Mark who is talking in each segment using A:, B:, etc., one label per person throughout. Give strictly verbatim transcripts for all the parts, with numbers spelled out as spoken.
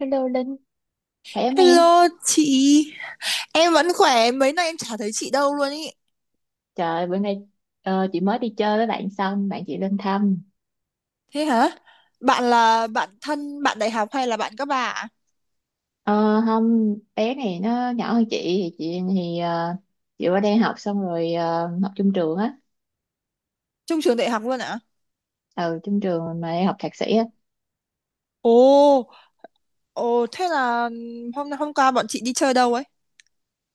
A: Hello Linh, khỏe không em?
B: Hello chị, em vẫn khỏe, mấy nay em chả thấy chị đâu luôn ý.
A: Trời, bữa nay ờ, chị mới đi chơi với bạn xong, bạn chị lên thăm.
B: Thế hả? Bạn là bạn thân, bạn đại học hay là bạn các bà ạ?
A: Ờ, không, bé này nó nhỏ hơn chị, thì chị thì ờ, chị qua đây học xong rồi ờ, học chung trường á.
B: Chung trường đại học luôn ạ?
A: Ừ, chung trường mà em học thạc sĩ á.
B: Ồ, ồ thế là hôm hôm qua bọn chị đi chơi đâu ấy?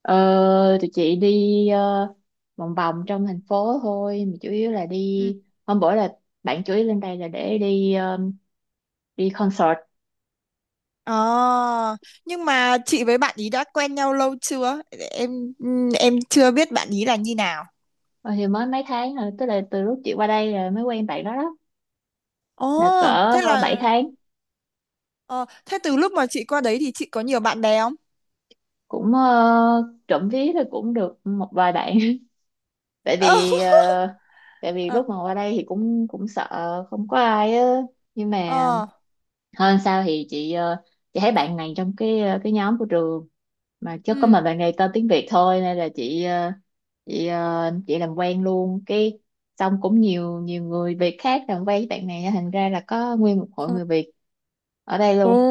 A: Ờ, tụi chị đi ờ, vòng vòng trong thành phố thôi, mà chủ yếu là
B: Ừ.
A: đi, hôm bữa là bạn chủ yếu lên đây là để đi ờ, đi concert.
B: À, nhưng mà chị với bạn ý đã quen nhau lâu chưa? Em em chưa biết bạn ý là như nào.
A: Ờ, thì mới mấy tháng rồi, tức là từ lúc chị qua đây là mới quen bạn đó đó,
B: Ồ,
A: là cỡ
B: thế
A: bảy
B: là
A: tháng
B: ờ, thế từ lúc mà chị qua đấy thì chị có nhiều bạn bè không?
A: Cũng ờ, trộm vía thì cũng được một vài bạn. tại vì ờ, Tại vì
B: Ờ,
A: lúc mà qua đây thì cũng cũng sợ không có ai á, nhưng mà
B: ờ,
A: hơn sao thì chị ờ, chị thấy bạn này trong cái ờ, cái nhóm của trường mà chứ có
B: ừ.
A: mà bạn này tên tiếng Việt thôi, nên là chị ờ, chị ờ, chị làm quen luôn, cái xong cũng nhiều nhiều người Việt khác làm quen với bạn này, thành ra là có nguyên một hội
B: Ừ.
A: người Việt ở đây
B: Ồ.
A: luôn.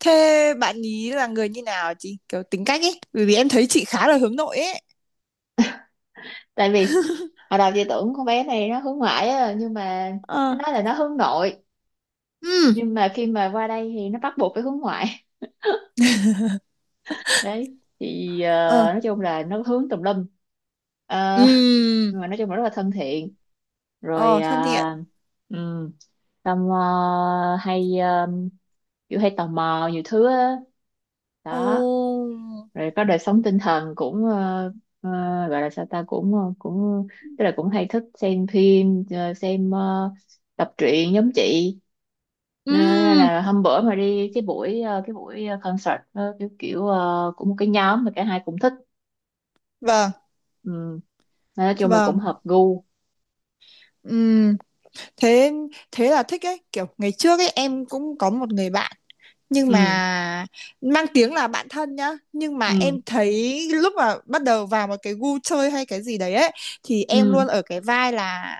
B: Thế bạn ý là người như nào chị? Kiểu tính cách ấy. Bởi vì em thấy chị khá là hướng nội ấy.
A: Tại vì hồi đầu chị tưởng con bé này nó hướng ngoại á, nhưng mà nó
B: Ờ.
A: nói là nó hướng nội,
B: Ừ.
A: nhưng mà khi mà qua đây thì nó bắt buộc phải hướng ngoại. đấy thì ờ,
B: Ờ.
A: nói chung là nó hướng tùm lum. Ờ,
B: Ừ.
A: nhưng mà nói chung là rất là thân thiện rồi.
B: Ờ, thân thiện.
A: uh, um, xong ờ, hay ờ, kiểu hay tò mò nhiều thứ á đó.
B: Ồ.
A: Rồi có đời sống tinh thần cũng ờ, ờ, gọi là sao ta, cũng ờ, cũng tức là cũng hay thích xem phim ờ, xem ờ, tập truyện giống chị. Ờ, nên
B: Ừ.
A: là hôm bữa mà đi cái buổi ờ, cái buổi ờ, concert, ờ, kiểu kiểu ờ, cũng một cái nhóm mà cả hai cũng thích.
B: Vâng,
A: Ừ. Nên nói chung là cũng
B: vâng.
A: hợp gu.
B: Ừ, thế thế là thích ấy, kiểu ngày trước ấy em cũng có một người bạn, nhưng
A: Ừ
B: mà mang tiếng là bạn thân nhá, nhưng mà
A: ừ
B: em thấy lúc mà bắt đầu vào một cái gu chơi hay cái gì đấy ấy thì em
A: ừ
B: luôn ở cái vai là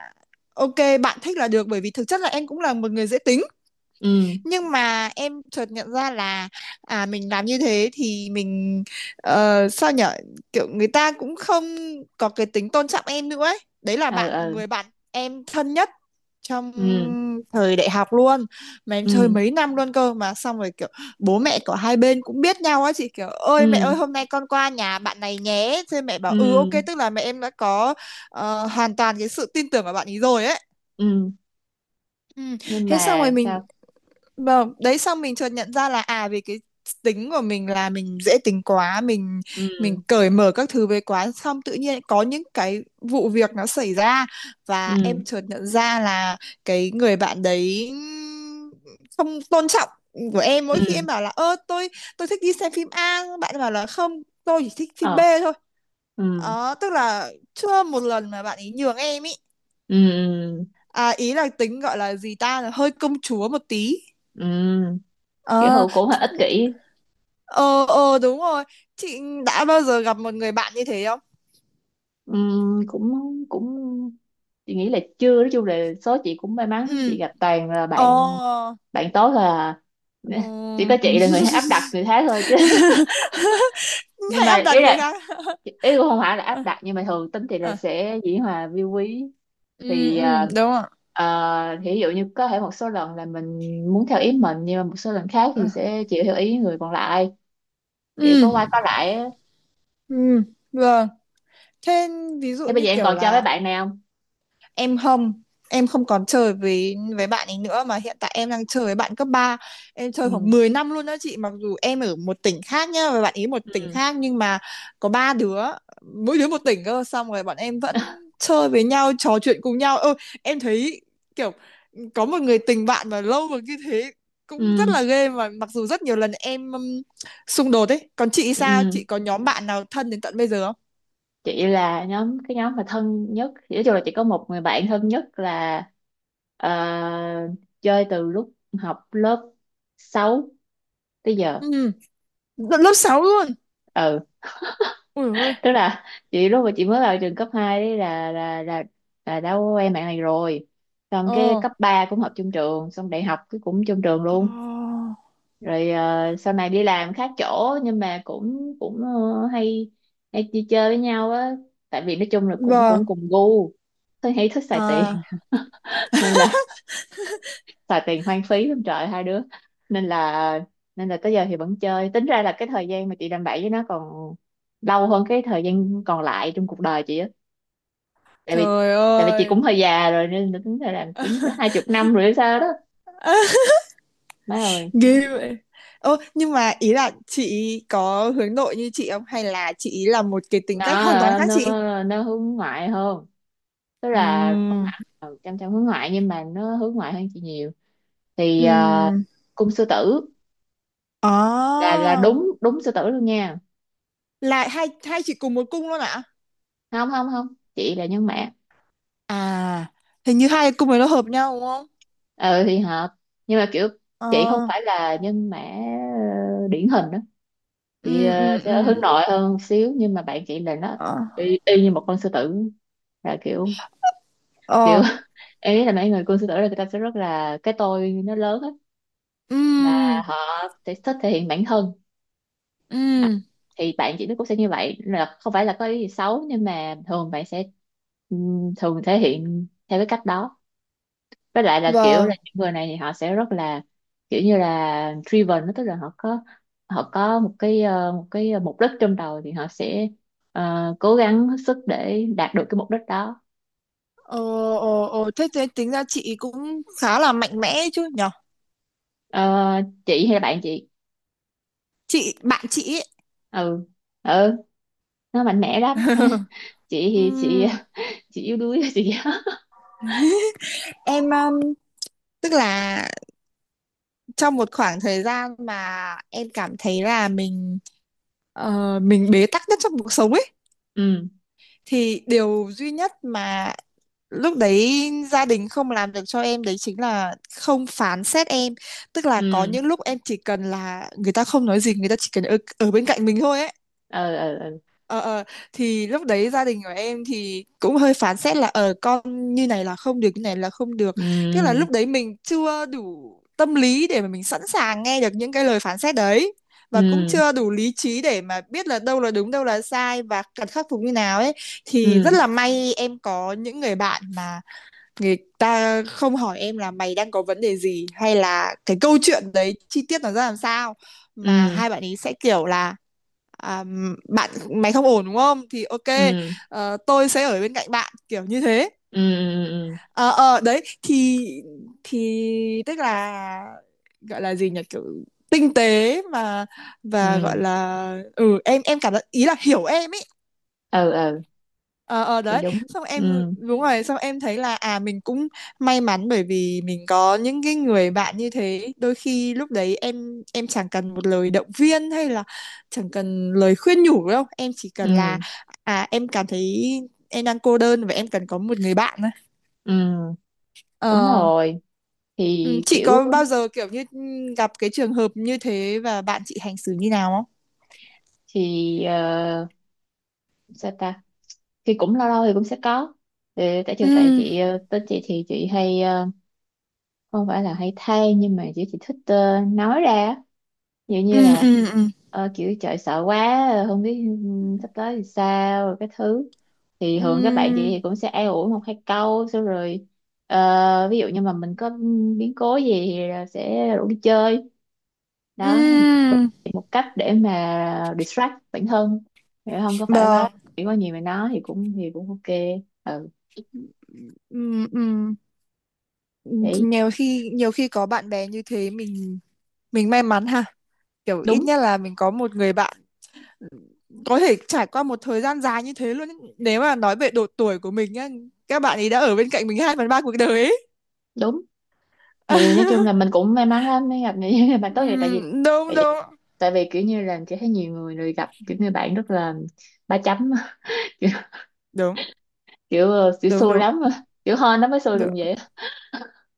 B: ok, bạn thích là được, bởi vì thực chất là em cũng là một người dễ tính.
A: ừ
B: Nhưng mà em chợt nhận ra là à, mình làm như thế thì mình ờ, sao nhở, kiểu người ta cũng không có cái tính tôn trọng em nữa ấy, đấy là
A: ờ
B: bạn
A: ờ
B: người bạn em thân nhất trong
A: ừ
B: thời đại học luôn, mà em
A: ừ
B: chơi mấy năm luôn cơ, mà xong rồi kiểu bố mẹ của hai bên cũng biết nhau á chị, kiểu ơi mẹ
A: ừ
B: ơi hôm nay con qua nhà bạn này nhé, thế mẹ bảo ừ ok,
A: ừ
B: tức là mẹ em đã có ờ, hoàn toàn cái sự tin tưởng vào bạn ấy rồi ấy.
A: ừ
B: Ừ.
A: Nhưng
B: Thế xong rồi
A: mà
B: mình
A: sao
B: Vâng, đấy xong mình chợt nhận ra là à, vì cái tính của mình là mình dễ tính quá, mình mình
A: ừ
B: cởi mở các thứ với quá, xong tự nhiên có những cái vụ việc nó xảy ra và
A: ừ
B: em chợt nhận ra là cái người bạn đấy không tôn trọng của em mỗi khi
A: ừ
B: em bảo là ơ tôi tôi thích đi xem phim A, bạn ấy bảo là không, tôi chỉ thích phim B
A: ờ
B: thôi.
A: ừ
B: Ờ, tức là chưa một lần mà bạn ấy nhường em ý,
A: ừ
B: à, ý là tính gọi là gì ta, là hơi công chúa một tí.
A: ừ kiểu
B: ờ
A: hữu cũng hơi ích kỷ.
B: Ờ, ờ, đúng rồi. Chị đã bao giờ gặp một người bạn như thế không?
A: Ừ, cũng cũng chị nghĩ là chưa, nói chung là số chị cũng may mắn,
B: Ừ.
A: chị gặp toàn là bạn
B: Ờ.
A: bạn tốt. Là chỉ
B: Ừ.
A: có chị là người áp đặt người khác thôi chứ. Nhưng
B: Hãy áp
A: mà
B: đặt
A: ý
B: người
A: là
B: khác.
A: ý cũng không phải là
B: Ờ,
A: áp đặt, nhưng mà thường tính chị là
B: ờ.
A: sẽ dĩ hòa vi quý.
B: Ừ,
A: thì
B: ừ,
A: ờ,
B: đúng rồi.
A: ờ, thì ví dụ như có thể một số lần là mình muốn theo ý mình, nhưng mà một số lần khác
B: Ờ.
A: thì sẽ chịu theo ý người còn lại, kiểu
B: Ừ,
A: có qua có lại á.
B: ừ, vâng. Thế ví dụ
A: Thế bây
B: như
A: giờ em
B: kiểu
A: còn chơi với
B: là
A: bạn này không?
B: em không em không còn chơi với với bạn ấy nữa, mà hiện tại em đang chơi với bạn cấp ba, em chơi
A: ừ
B: khoảng mười năm luôn đó chị, mặc dù em ở một tỉnh khác nhá và bạn ấy một tỉnh
A: ừ
B: khác, nhưng mà có ba đứa, mỗi đứa một tỉnh cơ, xong rồi bọn em vẫn chơi với nhau, trò chuyện cùng nhau. Ơ, em thấy kiểu có một người tình bạn mà lâu mà như thế cũng rất
A: ừ
B: là ghê, mà mặc dù rất nhiều lần em um, xung đột ấy. Còn chị, sao
A: ừ
B: chị có nhóm bạn nào thân đến tận bây giờ không?
A: chị là nhóm cái nhóm mà thân nhất thì nói chung là chị có một người bạn thân nhất là, ờ, chơi từ lúc học lớp sáu tới giờ.
B: Ừ, lớp sáu luôn,
A: Ừ,
B: ui ơi.
A: tức là chị lúc mà chị mới vào trường cấp hai ấy là là là là đã quen bạn này rồi, xong cái
B: Ờ,
A: cấp ba cũng học chung trường, xong đại học cái cũng chung trường
B: ờ,
A: luôn. Rồi ờ, sau này đi làm khác chỗ, nhưng mà cũng cũng ờ, hay hay đi chơi với nhau á, tại vì nói chung là cũng
B: vâng.
A: cũng cùng gu. Tôi hay thích xài tiền
B: À,
A: nên là xài tiền hoang phí lắm trời, hai đứa. nên là Nên là tới giờ thì vẫn chơi, tính ra là cái thời gian mà chị làm bậy với nó còn lâu hơn cái thời gian còn lại trong cuộc đời chị á. Tại vì
B: trời
A: tại vì chị
B: ơi.
A: cũng hơi già rồi, nên là tính ra là cũng có hai chục năm rồi hay sao đó. Má ơi!
B: Ghê vậy. Ô, nhưng mà ý là chị có hướng nội như chị không? Hay là chị ý là một cái tính
A: Nó
B: cách hoàn toàn
A: ờ,
B: khác
A: nó
B: chị?
A: nó hướng ngoại hơn, tức là không
B: Ừm.
A: hẳn là chăm chăm hướng ngoại, nhưng mà nó hướng ngoại hơn chị nhiều. thì ờ,
B: Ừm.
A: Cung sư tử, là
B: À,
A: là đúng đúng sư tử luôn nha.
B: là hai hai chị cùng một cung luôn ạ?
A: Không không không, chị là nhân mã.
B: À, hình như hai cung ấy nó hợp nhau đúng không?
A: Ờ thì hợp, nhưng mà kiểu chị không
B: Ờ.
A: phải là nhân mã ờ, điển hình đó. chị
B: Ừ,
A: ờ,
B: ừ,
A: sẽ
B: ừ.
A: hướng nội hơn một xíu, nhưng mà bạn chị là nó
B: Ờ.
A: y, y như một con sư tử, là kiểu kiểu.
B: Ờ.
A: Em nghĩ là mấy người con sư tử là người ta sẽ rất là cái tôi nó lớn hết, là
B: Ừ.
A: họ sẽ thích thể hiện bản thân.
B: Ừ.
A: Thì bạn chị nó cũng sẽ như vậy, là không phải là có ý gì xấu, nhưng mà thường bạn sẽ ừm, thường thể hiện theo cái cách đó. Với lại là kiểu là
B: Vâng.
A: những người này thì họ sẽ rất là kiểu như là driven đó, tức là họ có họ có một cái ờ, một cái mục đích trong đầu, thì họ sẽ ờ, cố gắng hết sức để đạt được cái mục đích đó.
B: Ờ, ờ, ờ, thế thế tính ra chị cũng khá là mạnh mẽ chứ nhỉ?
A: Ờ, chị hay là bạn chị?
B: Chị bạn chị ấy,
A: ừ ừ nó mạnh mẽ lắm. chị thì chị
B: ừm,
A: chị yếu đuối. chị
B: em um, tức là trong một khoảng thời gian mà em cảm thấy là mình ờ, mình bế tắc nhất trong cuộc sống ấy,
A: ừ
B: thì điều duy nhất mà lúc đấy gia đình không làm được cho em đấy chính là không phán xét em, tức là có
A: ừ
B: những lúc em chỉ cần là người ta không nói gì, người ta chỉ cần ở, ở bên cạnh mình thôi ấy.
A: ừ ừ ừ
B: ờ ờ thì lúc đấy gia đình của em thì cũng hơi phán xét là ờ con như này là không được, như này là không được, tức là
A: ừ
B: lúc đấy mình chưa đủ tâm lý để mà mình sẵn sàng nghe được những cái lời phán xét đấy, và cũng
A: ừ.
B: chưa đủ lý trí để mà biết là đâu là đúng đâu là sai và cần khắc phục như nào ấy. Thì rất
A: ừ
B: là may em có những người bạn mà người ta không hỏi em là mày đang có vấn đề gì hay là cái câu chuyện đấy chi tiết nó ra làm sao, mà
A: ừ
B: hai bạn ấy sẽ kiểu là à, bạn mày không ổn đúng không, thì ok,
A: ừ
B: ờ, tôi sẽ ở bên cạnh bạn kiểu như thế.
A: ừ ừ ừ
B: ờ ờ, Đấy thì thì tức là gọi là gì nhỉ, kiểu tinh tế mà, và gọi
A: ừ
B: là ừ em em cảm giác ý là hiểu em ấy.
A: ừ ừ,
B: ờ ờ
A: Thì
B: Đấy
A: đúng.
B: xong em,
A: ừ
B: đúng rồi, xong em thấy là à mình cũng may mắn bởi vì mình có những cái người bạn như thế. Đôi khi lúc đấy em em chẳng cần một lời động viên hay là chẳng cần lời khuyên nhủ đâu, em chỉ cần là
A: ừ
B: à em cảm thấy em đang cô đơn và em cần có một người bạn thôi.
A: ừ Đúng
B: ờ
A: rồi.
B: ừ,
A: thì
B: chị
A: kiểu
B: có bao giờ kiểu như gặp cái trường hợp như thế và bạn chị hành xử như nào không?
A: thì ờ, sao ta thì cũng lâu lâu thì cũng sẽ có. Ừ, tại chiều tại
B: Ừ,
A: chị ờ, tới chị thì chị hay ờ, không phải là hay than, nhưng mà chị chị thích ờ, nói ra á. Vậy như
B: ừ,
A: là
B: ừ, ừ,
A: ờ, kiểu trời sợ quá, ờ, không biết ừm, sắp tới thì sao, rồi cái thứ. Thì
B: ừ, ừ,
A: thường các bạn chị thì cũng sẽ an ủi một hai câu, xong rồi ờ, ví dụ như mà mình có ừm, biến cố gì thì là sẽ rủ đi chơi đó,
B: ừ,
A: thì một cách để mà distract bản thân, để không có phải quá
B: vâng,
A: chỉ có nhiều mà nói thì cũng thì cũng ok. Ừ,
B: ừ, ừ.
A: đấy.
B: Nhiều khi, nhiều khi có bạn bè như thế, mình mình may mắn ha, kiểu ít
A: Đúng
B: nhất là mình có một người bạn có thể trải qua một thời gian dài như thế luôn ấy. Nếu mà nói về độ tuổi của mình nhá, các bạn ấy đã ở bên cạnh mình hai phần ba cuộc đời ấy.
A: đúng. Thì nói chung là mình cũng may mắn lắm mới gặp những người bạn tốt vậy, tại vì
B: Ừm, đúng,
A: tại
B: đúng,
A: vì tại vì kiểu như là chỉ thấy nhiều người rồi gặp kiểu như bạn rất là ba chấm. kiểu
B: đúng,
A: kiểu, ờ, kiểu
B: đúng,
A: xui
B: đúng,
A: lắm, kiểu hên nó mới xui được
B: đúng,
A: vậy.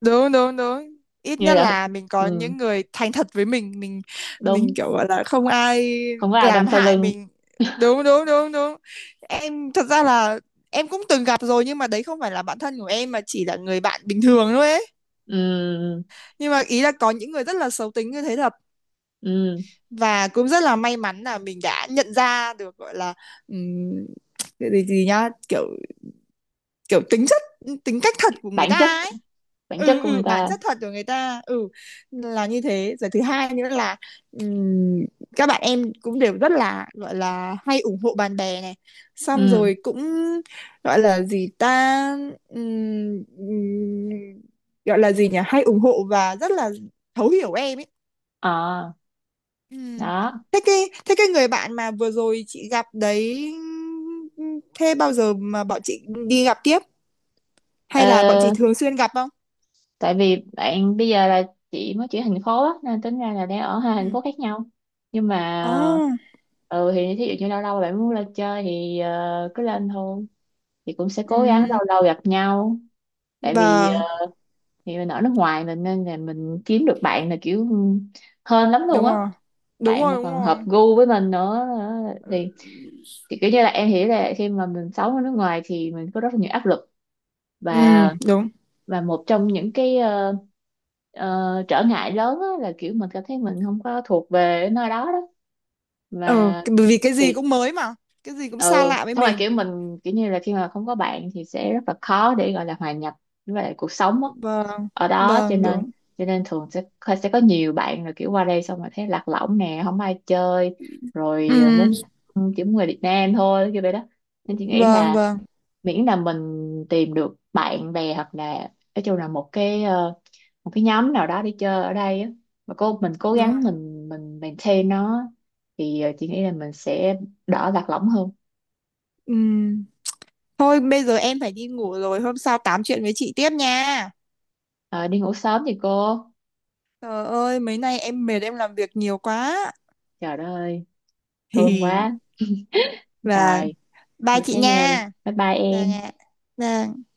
B: đúng, đúng, đúng. Ít
A: Như
B: nhất
A: là
B: là mình có
A: ừ,
B: những người thành thật với mình mình mình
A: đúng,
B: kiểu gọi là không ai
A: không có ai đâm
B: làm
A: sau
B: hại
A: lưng.
B: mình. Đúng, đúng, đúng, đúng. Em thật ra là em cũng từng gặp rồi, nhưng mà đấy không phải là bạn thân của em mà chỉ là người bạn bình thường thôi ấy,
A: Ừ,
B: nhưng mà ý là có những người rất là xấu tính như thế thật,
A: ừ,
B: và cũng rất là may mắn là mình đã nhận ra được, gọi là ừm, cái gì gì nhá, kiểu kiểu tính chất tính cách thật của người
A: bản
B: ta
A: chất,
B: ấy.
A: bản chất
B: Ừ,
A: của người
B: ừ, bản
A: ta.
B: chất thật của người ta. ừ là như thế rồi, thứ hai nữa là ừm, các bạn em cũng đều rất là, gọi là, hay ủng hộ bạn bè này, xong
A: Ừ,
B: rồi cũng gọi là gì ta, ừm, ừm, gọi là gì nhỉ, hay ủng hộ và rất là thấu hiểu em ấy.
A: ờ,
B: Ừm.
A: đó.
B: thế cái thế cái người bạn mà vừa rồi chị gặp đấy, thế bao giờ mà bọn chị đi gặp tiếp, hay là bọn
A: Ờ,
B: chị thường xuyên gặp không?
A: tại vì bạn bây giờ là chị mới chuyển thành phố á, nên tính ra là đang ở hai
B: Ừ.
A: thành phố khác nhau. Nhưng mà
B: Oh,
A: ừ, thì thí dụ như lâu lâu bạn muốn lên chơi thì ờ, cứ lên thôi, thì cũng sẽ cố gắng
B: ừm,
A: lâu lâu gặp nhau. tại vì
B: vâng,
A: ờ, thì mình ở nước ngoài mình, nên là mình kiếm được bạn là kiểu hên lắm luôn
B: đúng
A: á.
B: rồi. Đúng
A: Bạn
B: rồi,
A: mà
B: đúng
A: còn hợp
B: rồi.
A: gu với mình nữa, ờ, thì thì kiểu như là em hiểu là khi mà mình sống ở nước ngoài thì mình có rất là nhiều áp lực,
B: Ừ,
A: và
B: đúng.
A: và một trong những cái ờ, ờ, trở ngại lớn á là kiểu mình cảm thấy mình không có thuộc về nơi đó đó.
B: Ờ,
A: và
B: cái- bởi vì cái gì
A: thì
B: cũng mới mà, cái gì cũng xa
A: ừ,
B: lạ với
A: xong rồi
B: mình.
A: kiểu mình kiểu như là khi mà không có bạn thì sẽ rất là khó để gọi là hòa nhập với lại cuộc sống á
B: Vâng,
A: ở đó. cho
B: vâng,
A: nên
B: đúng.
A: cho nên thường sẽ sẽ có nhiều bạn là kiểu qua đây xong rồi thấy lạc lõng nè, không ai chơi. rồi ờ,
B: Ừ,
A: muốn chỉ muốn người Việt Nam thôi, kiểu vậy đó. Nên chị nghĩ
B: vâng,
A: là
B: vâng,
A: miễn là mình tìm được bạn bè, hoặc là nói chung là một cái ờ, một cái nhóm nào đó đi chơi ở đây á, mà cô mình cố
B: đúng
A: gắng
B: rồi.
A: mình mình maintain nó, thì ờ, chị nghĩ là mình sẽ đỡ lạc lõng hơn.
B: Ừ. Thôi bây giờ em phải đi ngủ rồi, hôm sau tám chuyện với chị tiếp nha.
A: Ờ, đi ngủ sớm thì cô.
B: Trời ơi, mấy nay em mệt, em làm việc nhiều quá.
A: Trời đất ơi, thương
B: Hì.
A: quá.
B: Vâng,
A: Rồi,
B: bye
A: ngủ
B: chị
A: thế nha,
B: nha.
A: bye bye
B: Vâng
A: em.
B: ạ. Vâng.